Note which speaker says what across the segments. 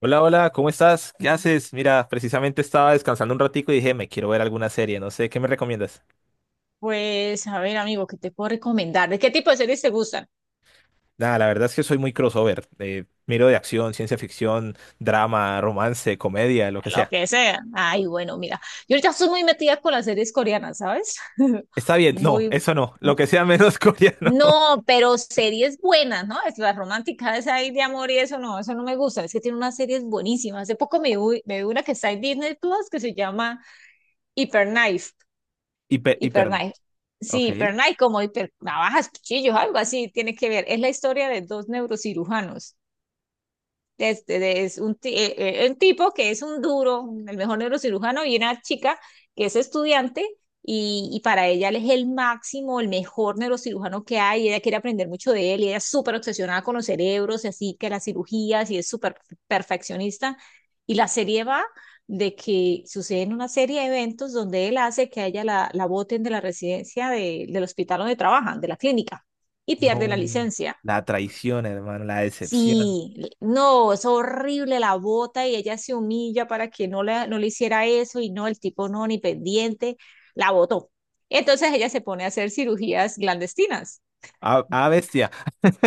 Speaker 1: Hola, hola, ¿cómo estás? ¿Qué haces? Mira, precisamente estaba descansando un ratico y dije, me quiero ver alguna serie, no sé, ¿qué me recomiendas?
Speaker 2: Pues, a ver, amigo, ¿qué te puedo recomendar? ¿De qué tipo de series te gustan?
Speaker 1: Nada, la verdad es que soy muy crossover. Miro de acción, ciencia ficción, drama, romance, comedia, lo que
Speaker 2: Lo
Speaker 1: sea.
Speaker 2: que sea. Ay, bueno, mira, yo ahorita estoy muy metida con las series coreanas, ¿sabes?
Speaker 1: Está bien, no,
Speaker 2: Muy,
Speaker 1: eso no, lo que sea menos coreano.
Speaker 2: no, pero series buenas, ¿no? Es la romántica esa ahí de amor y eso no me gusta. Es que tiene unas series buenísimas. Hace poco me vi una que está en Disney Plus que se llama Hyperknife.
Speaker 1: Hiper, hiper.
Speaker 2: Hyperknife. Sí,
Speaker 1: Ok.
Speaker 2: Hyperknife, como hiper navajas, cuchillos, algo así, tiene que ver. Es la historia de dos neurocirujanos. Este, de- es un, ti- eh, un tipo que es un duro, el mejor neurocirujano, y una chica que es estudiante y para ella él es el máximo, el mejor neurocirujano que hay, y ella quiere aprender mucho de él, y ella es súper obsesionada con los cerebros, y así que las cirugías, y es súper perfeccionista. Y la serie va de que suceden una serie de eventos donde él hace que a ella la boten de la residencia del hospital donde trabajan, de la clínica, y pierde la
Speaker 1: No.
Speaker 2: licencia.
Speaker 1: La traición, hermano, la decepción.
Speaker 2: Sí, no, es horrible, la bota y ella se humilla para que no le hiciera eso y no, el tipo no, ni pendiente, la botó. Entonces ella se pone a hacer cirugías clandestinas.
Speaker 1: Ah, ah, bestia.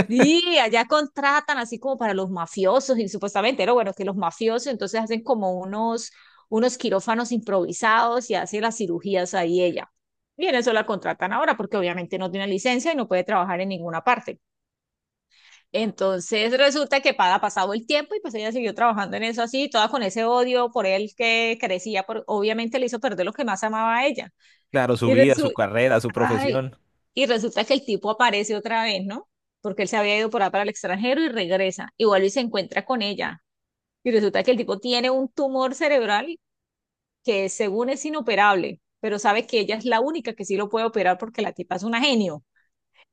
Speaker 2: Y allá contratan así como para los mafiosos y supuestamente, pero bueno, que los mafiosos entonces hacen como unos quirófanos improvisados y hace las cirugías ahí ella. Y en eso la contratan ahora porque obviamente no tiene licencia y no puede trabajar en ninguna parte. Entonces resulta que para pasado el tiempo y pues ella siguió trabajando en eso así, toda con ese odio por él que crecía, por, obviamente le hizo perder lo que más amaba a ella.
Speaker 1: Claro, su
Speaker 2: Y,
Speaker 1: vida,
Speaker 2: resu
Speaker 1: su carrera, su
Speaker 2: ay,
Speaker 1: profesión.
Speaker 2: y resulta que el tipo aparece otra vez, ¿no? Porque él se había ido por ahí para el extranjero y regresa, y vuelve y se encuentra con ella. Y resulta que el tipo tiene un tumor cerebral que según es inoperable, pero sabe que ella es la única que sí lo puede operar porque la tipa es una genio.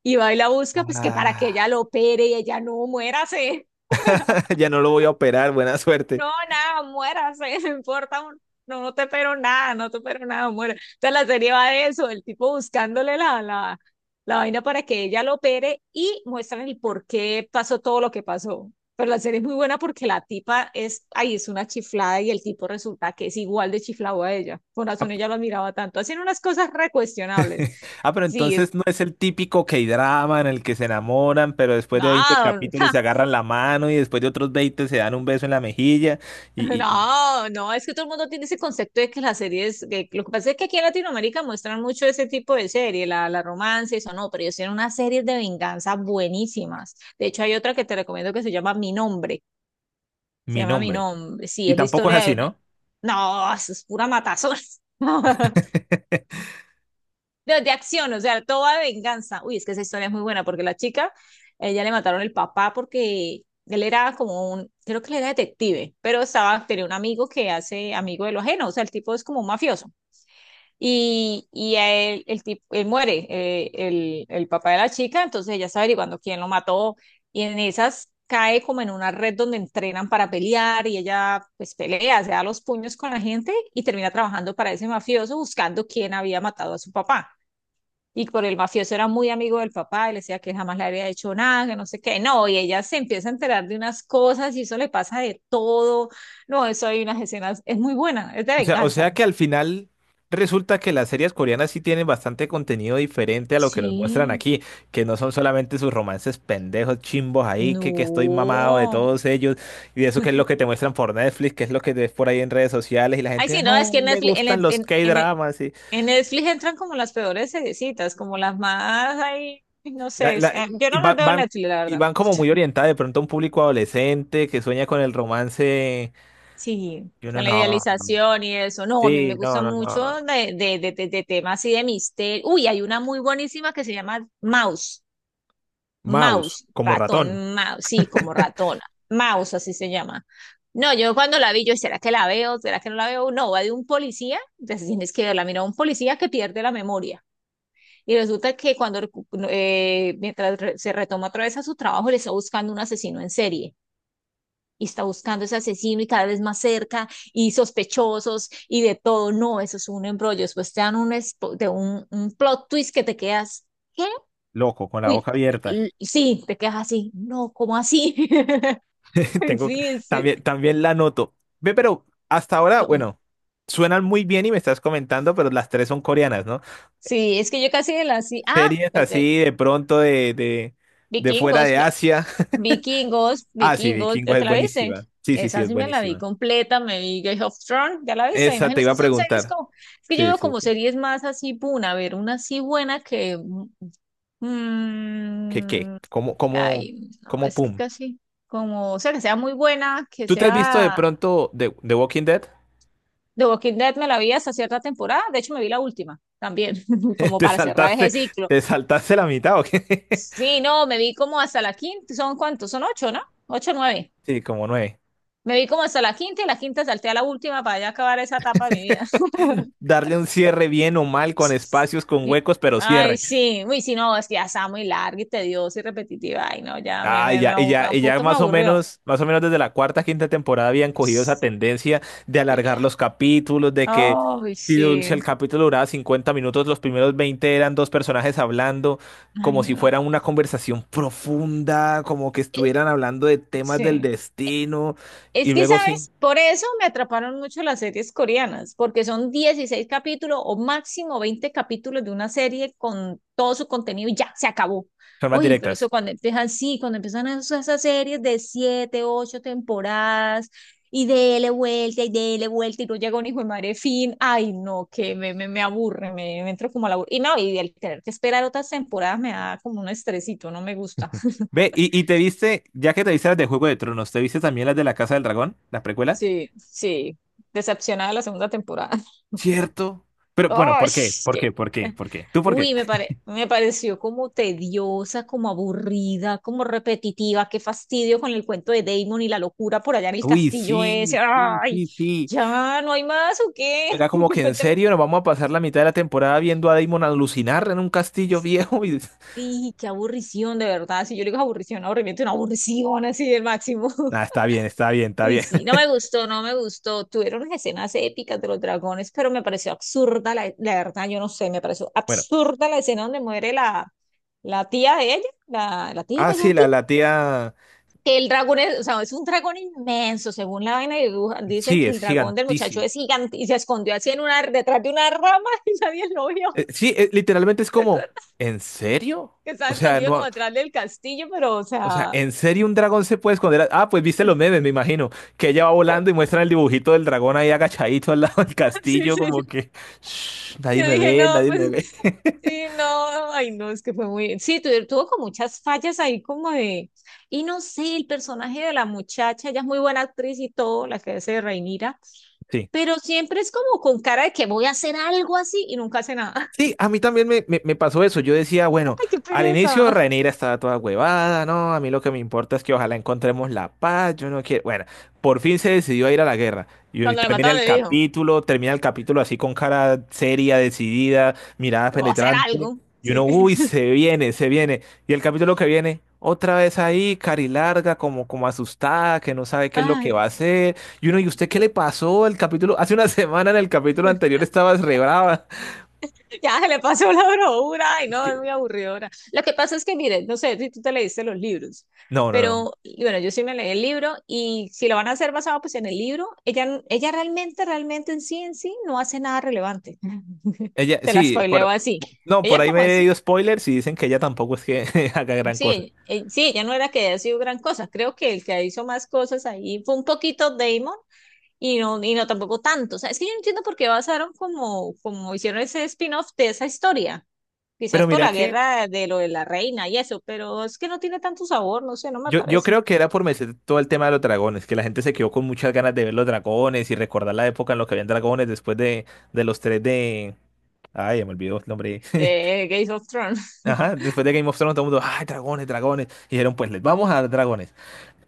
Speaker 2: Y va y la busca, pues que para que ella
Speaker 1: Ah,
Speaker 2: lo opere y ella no, muérase.
Speaker 1: ya no lo voy a operar, buena suerte.
Speaker 2: No, nada, muérase, no importa, no, no te espero nada, no te espero nada, muera. Entonces la serie va de eso, el tipo buscándole la vaina para que ella lo opere y muestran el por qué pasó todo lo que pasó. Pero la serie es muy buena porque la tipa es, ahí es una chiflada y el tipo resulta que es igual de chiflado a ella. Por razón ella lo admiraba tanto. Hacen unas cosas recuestionables.
Speaker 1: Ah, pero
Speaker 2: Sí,
Speaker 1: entonces no es el típico K-drama en el que se enamoran, pero después de 20
Speaker 2: no,
Speaker 1: capítulos se agarran la mano y después de otros 20 se dan un beso en la mejilla y, y- y-
Speaker 2: no, no, es que todo el mundo tiene ese concepto de que las series, que lo que pasa es que aquí en Latinoamérica muestran mucho ese tipo de serie, la romance, y eso no, pero ellos tienen unas series de venganza buenísimas. De hecho, hay otra que te recomiendo que se llama Mi Nombre, se
Speaker 1: mi
Speaker 2: llama Mi
Speaker 1: nombre.
Speaker 2: Nombre, sí,
Speaker 1: Y
Speaker 2: es la
Speaker 1: tampoco es
Speaker 2: historia de
Speaker 1: así,
Speaker 2: una...
Speaker 1: ¿no?
Speaker 2: No, eso es pura matazón. De acción, o sea, toda venganza. Uy, es que esa historia es muy buena porque la chica, ella, le mataron el papá porque él era como un, creo que él era detective, pero estaba, tenía un amigo que hace amigo de lo ajeno, o sea, el tipo es como un mafioso. Y a él, el tipo, él muere, el papá de la chica, entonces ella está averiguando quién lo mató y en esas cae como en una red donde entrenan para pelear y ella pues pelea, se da los puños con la gente y termina trabajando para ese mafioso buscando quién había matado a su papá. Y por el mafioso era muy amigo del papá y le decía que jamás le había hecho nada, que no sé qué. No, y ella se empieza a enterar de unas cosas y eso, le pasa de todo. No, eso hay unas escenas, es muy buena, es de
Speaker 1: O sea, o
Speaker 2: venganza.
Speaker 1: sea que al final resulta que las series coreanas sí tienen bastante contenido diferente a lo que nos muestran
Speaker 2: Sí.
Speaker 1: aquí, que no son solamente sus romances pendejos, chimbos ahí, que estoy mamado de
Speaker 2: No.
Speaker 1: todos ellos y de eso que es lo que te muestran por Netflix, que es lo que ves por ahí en redes sociales y la
Speaker 2: Ay,
Speaker 1: gente,
Speaker 2: sí, no, es
Speaker 1: ay,
Speaker 2: que en
Speaker 1: me
Speaker 2: Netflix,
Speaker 1: gustan los
Speaker 2: En, en-
Speaker 1: K-dramas.
Speaker 2: en Netflix entran como las peores seriecitas, como las más ahí, no
Speaker 1: La-
Speaker 2: sé,
Speaker 1: la-
Speaker 2: yo
Speaker 1: y
Speaker 2: no las
Speaker 1: van,
Speaker 2: veo en
Speaker 1: van-
Speaker 2: Netflix, la
Speaker 1: y
Speaker 2: verdad.
Speaker 1: van como muy orientadas de pronto a un público adolescente que sueña con el romance.
Speaker 2: Sí,
Speaker 1: Yo no,
Speaker 2: con la
Speaker 1: no.
Speaker 2: idealización y eso. No, a mí
Speaker 1: Sí,
Speaker 2: me
Speaker 1: no,
Speaker 2: gusta
Speaker 1: no,
Speaker 2: mucho
Speaker 1: no.
Speaker 2: de temas y de misterio. Uy, hay una muy buenísima que se llama Mouse.
Speaker 1: Mouse,
Speaker 2: Mouse,
Speaker 1: como
Speaker 2: ratón,
Speaker 1: ratón,
Speaker 2: mouse, sí, como ratona. Mouse, así se llama. No, yo cuando la vi, yo, ¿será que la veo? ¿Será que no la veo? No, va de un policía, entonces tienes que verla. Mira, un policía que pierde la memoria. Y resulta que cuando, mientras se retoma otra vez a su trabajo, le está buscando un asesino en serie y está buscando ese asesino y cada vez más cerca, y sospechosos y de todo. No, eso es un embrollo. Después te dan un plot twist que te quedas. ¿Qué?
Speaker 1: loco, con la
Speaker 2: Uy,
Speaker 1: boca abierta.
Speaker 2: sí, te quedas así. No, ¿cómo así?
Speaker 1: Tengo que-
Speaker 2: Sí, sí.
Speaker 1: también, también la noto. Ve, pero hasta ahora,
Speaker 2: Son-
Speaker 1: bueno, suenan muy bien y me estás comentando, pero las tres son coreanas, ¿no?
Speaker 2: Sí, es que yo casi de la sí. Ah,
Speaker 1: Series
Speaker 2: pues de
Speaker 1: así de pronto de fuera
Speaker 2: vikingos,
Speaker 1: de Asia.
Speaker 2: vikingos,
Speaker 1: Ah, sí,
Speaker 2: vikingos,
Speaker 1: Vikingos
Speaker 2: ya te
Speaker 1: es
Speaker 2: la viste.
Speaker 1: buenísima. Sí, sí, sí,
Speaker 2: Esa
Speaker 1: es
Speaker 2: sí me la vi
Speaker 1: buenísima.
Speaker 2: completa, me vi Game of Thrones, ya la viste.
Speaker 1: Esa te
Speaker 2: Imagino, es
Speaker 1: iba a
Speaker 2: que son series
Speaker 1: preguntar.
Speaker 2: como, es que yo
Speaker 1: Sí,
Speaker 2: veo
Speaker 1: sí,
Speaker 2: como
Speaker 1: sí.
Speaker 2: series más así, puna, a ver, una así buena que
Speaker 1: ¿Qué, qué?
Speaker 2: Mm,
Speaker 1: ¿Cómo, cómo,
Speaker 2: ay, no,
Speaker 1: cómo,
Speaker 2: es que
Speaker 1: pum?
Speaker 2: casi como, o sea, que sea muy buena, que
Speaker 1: ¿Tú te has visto de
Speaker 2: sea...
Speaker 1: pronto de The Walking Dead?
Speaker 2: The Walking Dead me la vi hasta cierta temporada, de hecho me vi la última también, como
Speaker 1: ¿Te
Speaker 2: para cerrar ese
Speaker 1: saltaste,
Speaker 2: ciclo.
Speaker 1: ¿te saltaste la mitad o qué?
Speaker 2: Sí, no, me vi como hasta la quinta, ¿son cuántos? Son ocho, ¿no? Ocho, nueve.
Speaker 1: Sí, como nueve.
Speaker 2: Me vi como hasta la quinta y la quinta salté a la última para ya acabar esa etapa de mi vida.
Speaker 1: Darle un cierre bien o mal, con espacios, con
Speaker 2: Y-
Speaker 1: huecos, pero
Speaker 2: Ay,
Speaker 1: cierre.
Speaker 2: sí, uy, sí, no, es que ya está muy larga y tediosa y repetitiva. Ay, no, ya
Speaker 1: Ah, y ya, y ya,
Speaker 2: a un
Speaker 1: y ya
Speaker 2: punto me
Speaker 1: más o
Speaker 2: aburrió.
Speaker 1: menos, desde la cuarta, quinta temporada habían cogido esa
Speaker 2: Sí,
Speaker 1: tendencia de alargar los capítulos, de que
Speaker 2: ay,
Speaker 1: si
Speaker 2: sí.
Speaker 1: el capítulo duraba 50 minutos, los primeros 20 eran dos personajes hablando,
Speaker 2: Ay,
Speaker 1: como si
Speaker 2: no.
Speaker 1: fuera una conversación profunda, como que estuvieran hablando de temas del
Speaker 2: Sí.
Speaker 1: destino,
Speaker 2: Es
Speaker 1: y
Speaker 2: que,
Speaker 1: luego sí,
Speaker 2: ¿sabes? Por eso me atraparon mucho las series coreanas, porque son 16 capítulos o máximo 20 capítulos de una serie con todo su contenido y ya, se acabó.
Speaker 1: son más
Speaker 2: Uy, pero eso
Speaker 1: directas.
Speaker 2: cuando empiezan, sí, cuando empiezan esas series de 7 8 temporadas y dele vuelta y dele vuelta y no llega un hijo de madre fin. Ay, no, que me aburre, me entro como a la... Y no, y el tener que esperar otras temporadas me da como un estresito, no me gusta.
Speaker 1: Ve, y te viste, ya que te viste las de Juego de Tronos, ¿te viste también las de la Casa del Dragón, la precuela?
Speaker 2: Sí, sí. Decepcionada de la segunda temporada.
Speaker 1: Cierto. Pero bueno,
Speaker 2: ¡Ay!
Speaker 1: ¿por qué? ¿Por
Speaker 2: qué-
Speaker 1: qué? ¿Por qué? ¿Por qué? ¿Tú por qué?
Speaker 2: Uy, me pareció como tediosa, como aburrida, como repetitiva. Qué fastidio con el cuento de Damon y la locura por allá en el
Speaker 1: Uy,
Speaker 2: castillo
Speaker 1: sí,
Speaker 2: ese.
Speaker 1: sí,
Speaker 2: ¡Ay!
Speaker 1: sí, sí.
Speaker 2: ¿Ya no hay más o qué?
Speaker 1: Era como que en
Speaker 2: Cuéntame.
Speaker 1: serio nos vamos a pasar la mitad de la temporada viendo a Damon alucinar en un castillo viejo y…
Speaker 2: Sí, qué aburrición, de verdad. Si yo le digo, aburrición, aburrimiento, una aburrición así del máximo.
Speaker 1: Nada, está bien, está bien, está
Speaker 2: Uy,
Speaker 1: bien.
Speaker 2: sí, no me gustó, no me gustó. Tuvieron unas escenas épicas de los dragones, pero me pareció absurda, la verdad, yo no sé, me pareció
Speaker 1: Bueno,
Speaker 2: absurda la escena donde muere la tía de ella, la tía
Speaker 1: ah,
Speaker 2: de
Speaker 1: sí,
Speaker 2: la tía.
Speaker 1: la tía…
Speaker 2: Que el dragón es, o sea, es un dragón inmenso, según la vaina de dibuja, dicen
Speaker 1: Sí,
Speaker 2: que
Speaker 1: es
Speaker 2: el dragón del muchacho
Speaker 1: gigantísimo.
Speaker 2: es gigante y se escondió así en una, detrás de una rama y nadie lo vio.
Speaker 1: Sí, literalmente es
Speaker 2: ¿Te
Speaker 1: como,
Speaker 2: acuerdas?
Speaker 1: ¿en serio?
Speaker 2: Que estaba
Speaker 1: O sea,
Speaker 2: escondido como
Speaker 1: no,
Speaker 2: detrás del castillo, pero, o
Speaker 1: o sea,
Speaker 2: sea,
Speaker 1: ¿en serio un dragón se puede esconder? Ah, pues viste los memes, me imagino, que ella va volando y muestran el dibujito del dragón ahí agachadito al lado del
Speaker 2: sí,
Speaker 1: castillo,
Speaker 2: sí,
Speaker 1: como que, "Shh, nadie
Speaker 2: yo
Speaker 1: me
Speaker 2: dije,
Speaker 1: ve,
Speaker 2: no,
Speaker 1: nadie
Speaker 2: pues
Speaker 1: me ve".
Speaker 2: sí, no, ay, no, es que fue muy, sí, tuvo con muchas fallas ahí como de, y no sé, el personaje de la muchacha, ella es muy buena actriz y todo, la que hace de Reinira,
Speaker 1: Sí.
Speaker 2: pero siempre es como con cara de que voy a hacer algo así y nunca hace nada.
Speaker 1: Sí, a mí también me pasó eso. Yo decía, bueno,
Speaker 2: Ay, qué
Speaker 1: al
Speaker 2: pereza.
Speaker 1: inicio Rhaenyra estaba toda huevada, ¿no? A mí lo que me importa es que ojalá encontremos la paz, yo no quiero… Bueno, por fin se decidió a ir a la guerra. Y hoy
Speaker 2: Cuando le mataron, le dijo,
Speaker 1: termina el capítulo así con cara seria, decidida, mirada
Speaker 2: voy a hacer
Speaker 1: penetrante.
Speaker 2: algo.
Speaker 1: Y uno,
Speaker 2: Sí.
Speaker 1: uy, se viene, se viene. Y el capítulo que viene, otra vez ahí, carilarga, como, como asustada, que no sabe qué es lo que
Speaker 2: Ay,
Speaker 1: va a hacer. Y uno, ¿y usted qué le pasó? El capítulo, hace una semana en el capítulo anterior estabas re brava.
Speaker 2: ya se le pasó la bravura, ay, no, es muy aburridora. Lo que pasa es que, mire, no sé si tú te leíste los libros,
Speaker 1: No, no, no.
Speaker 2: pero y bueno, yo sí me leí el libro y si lo van a hacer basado pues en el libro, ella realmente, realmente en sí, no hace nada relevante.
Speaker 1: Ella,
Speaker 2: Te la
Speaker 1: sí,
Speaker 2: spoileo
Speaker 1: por,
Speaker 2: así.
Speaker 1: no,
Speaker 2: Ella
Speaker 1: por
Speaker 2: es
Speaker 1: ahí
Speaker 2: como
Speaker 1: me he
Speaker 2: así,
Speaker 1: leído spoilers y dicen que ella tampoco es que haga gran
Speaker 2: sí,
Speaker 1: cosa.
Speaker 2: sí, ella no era que haya sido gran cosa, creo que el que hizo más cosas ahí fue un poquito Damon y no tampoco tanto. O sea, es que yo no entiendo por qué basaron como, como hicieron ese spin-off de esa historia.
Speaker 1: Pero
Speaker 2: Quizás por
Speaker 1: mira
Speaker 2: la
Speaker 1: que
Speaker 2: guerra de lo de la reina y eso, pero es que no tiene tanto sabor, no sé, no me
Speaker 1: yo
Speaker 2: parece.
Speaker 1: creo que era por meter todo el tema de los dragones, que la gente se quedó con muchas ganas de ver los dragones y recordar la época en la que habían dragones después de los tres de… Ay, ya me olvidó el nombre.
Speaker 2: De Game of Thrones,
Speaker 1: Ajá, después de Game of Thrones todo el mundo, ay, dragones, dragones. Y dijeron, pues les vamos a dar dragones.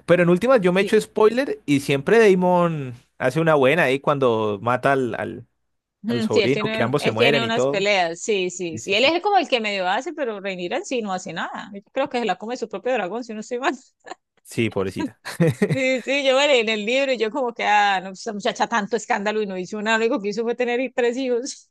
Speaker 1: Pero en últimas yo me echo
Speaker 2: sí.
Speaker 1: spoiler y siempre Damon hace una buena ahí cuando mata al, al, al
Speaker 2: Ujú. Sí, él
Speaker 1: sobrino, que
Speaker 2: tiene,
Speaker 1: ambos se
Speaker 2: él
Speaker 1: mueren
Speaker 2: tiene
Speaker 1: y
Speaker 2: unas
Speaker 1: todo.
Speaker 2: peleas, sí, sí,
Speaker 1: Sí,
Speaker 2: sí.
Speaker 1: sí,
Speaker 2: Él
Speaker 1: sí.
Speaker 2: es como el que medio hace, pero Rhaenyra en sí no hace nada. Yo creo que se la come su propio dragón, si no estoy mal.
Speaker 1: Sí, pobrecita.
Speaker 2: Sí, sí, yo me leí en el libro y yo como que, ah, no, esa muchacha tanto escándalo y no hizo nada, lo único que hizo fue tener tres hijos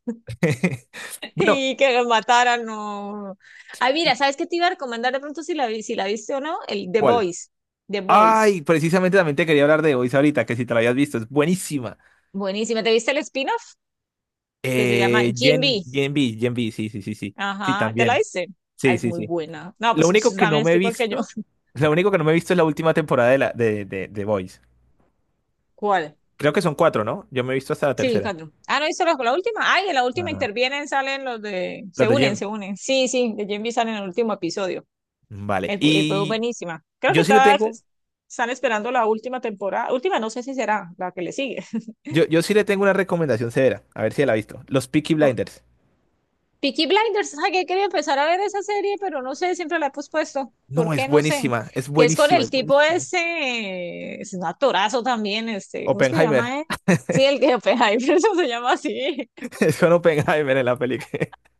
Speaker 1: Bueno,
Speaker 2: y que los mataran, no. Ay, mira,
Speaker 1: ¿y
Speaker 2: ¿sabes qué te iba a recomendar de pronto, si la, si la viste o no? El The
Speaker 1: ¿cuál?
Speaker 2: Boys, The Boys.
Speaker 1: Ay, precisamente también te quería hablar de Voice ahorita, que si te la habías visto, es buenísima.
Speaker 2: Buenísima. ¿Te viste el spin-off que se llama Jim B?
Speaker 1: Gen B, Gen B, sí, sí, sí, sí. Sí,
Speaker 2: Ajá, ¿te la
Speaker 1: también.
Speaker 2: viste? Ah,
Speaker 1: Sí,
Speaker 2: es
Speaker 1: sí,
Speaker 2: muy
Speaker 1: sí.
Speaker 2: buena. No,
Speaker 1: Lo
Speaker 2: pues
Speaker 1: único
Speaker 2: pues,
Speaker 1: que no
Speaker 2: también
Speaker 1: me he
Speaker 2: estoy igual que yo.
Speaker 1: visto, lo único que no me he visto es la última temporada de Voice.
Speaker 2: ¿Cuál?
Speaker 1: Creo que son cuatro, ¿no? Yo me he visto hasta la
Speaker 2: Sí,
Speaker 1: tercera.
Speaker 2: cuatro. Ah, ¿no viste la última? Ay, en la
Speaker 1: No,
Speaker 2: última
Speaker 1: no.
Speaker 2: intervienen, salen los de...
Speaker 1: Las
Speaker 2: Se
Speaker 1: de
Speaker 2: unen,
Speaker 1: Gen.
Speaker 2: se unen. Sí, sí, de Jim B salen en el último episodio.
Speaker 1: Mm, vale. Y
Speaker 2: Buenísima. Creo
Speaker 1: yo
Speaker 2: que
Speaker 1: sí le
Speaker 2: todas
Speaker 1: tengo,
Speaker 2: están esperando la última temporada. Última, no sé si será la que le sigue.
Speaker 1: yo sí le tengo una recomendación severa. A ver si la ha visto. Los Peaky Blinders.
Speaker 2: Peaky Blinders, ay, ¿qué? Quería empezar a ver esa serie, pero no sé, siempre la he pospuesto. ¿Por
Speaker 1: No, es
Speaker 2: qué? No sé.
Speaker 1: buenísima, es
Speaker 2: Que es con
Speaker 1: buenísima,
Speaker 2: el
Speaker 1: es
Speaker 2: tipo
Speaker 1: buenísima.
Speaker 2: ese, es un actorazo también, ¿cómo es que se
Speaker 1: Oppenheimer.
Speaker 2: llama él? Sí, el que Oppenheimer, eso se llama así.
Speaker 1: Es con Oppenheimer en la película.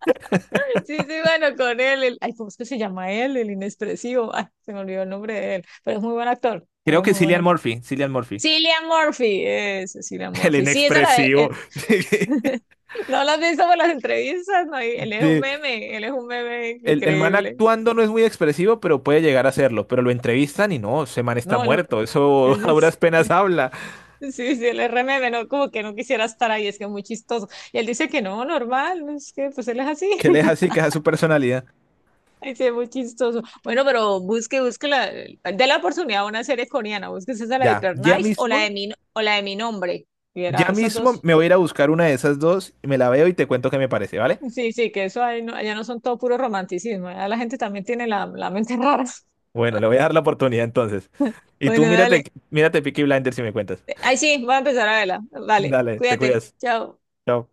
Speaker 2: Sí, sí, bueno, con él, ay, ¿cómo es que se llama él? El inexpresivo, ay, se me olvidó el nombre de él, pero es muy buen actor, él
Speaker 1: Creo
Speaker 2: es
Speaker 1: que
Speaker 2: muy buen
Speaker 1: Cillian
Speaker 2: actor.
Speaker 1: Murphy. Cillian Murphy.
Speaker 2: Cillian Murphy, es Cillian
Speaker 1: El
Speaker 2: Murphy. Sí, esa la de,
Speaker 1: inexpresivo.
Speaker 2: no la has visto por las entrevistas, no, y él es un
Speaker 1: De-
Speaker 2: meme, él es un meme
Speaker 1: el man
Speaker 2: increíble.
Speaker 1: actuando no es muy expresivo, pero puede llegar a serlo. Pero lo entrevistan y no, ese man está
Speaker 2: No, lo-
Speaker 1: muerto. Eso
Speaker 2: ese
Speaker 1: a duras
Speaker 2: es
Speaker 1: penas habla.
Speaker 2: sí, sí, el RMM, no, como que no quisiera estar ahí, es que es muy chistoso. Y él dice que no, normal, es que pues él es así,
Speaker 1: Que le es así, que esa es a su personalidad.
Speaker 2: es muy chistoso. Bueno, pero busque, busque de la oportunidad a una serie coreana, búsquese esa, la de
Speaker 1: Ya,
Speaker 2: Hyperknife o la de mi, o la de mi nombre, y
Speaker 1: ya
Speaker 2: era esas
Speaker 1: mismo
Speaker 2: dos.
Speaker 1: me voy a ir a buscar una de esas dos, me la veo y te cuento qué me parece, ¿vale?
Speaker 2: Sí, sí, que eso ahí no, allá no son todo puro romanticismo, allá la gente también tiene la mente rara.
Speaker 1: Bueno, le voy a dar la oportunidad entonces. Y tú
Speaker 2: Bueno,
Speaker 1: mírate,
Speaker 2: dale,
Speaker 1: mírate Peaky Blinders si me cuentas.
Speaker 2: ay, sí, voy a empezar a verla, vale,
Speaker 1: Dale, te
Speaker 2: cuídate,
Speaker 1: cuidas.
Speaker 2: chao.
Speaker 1: Chao.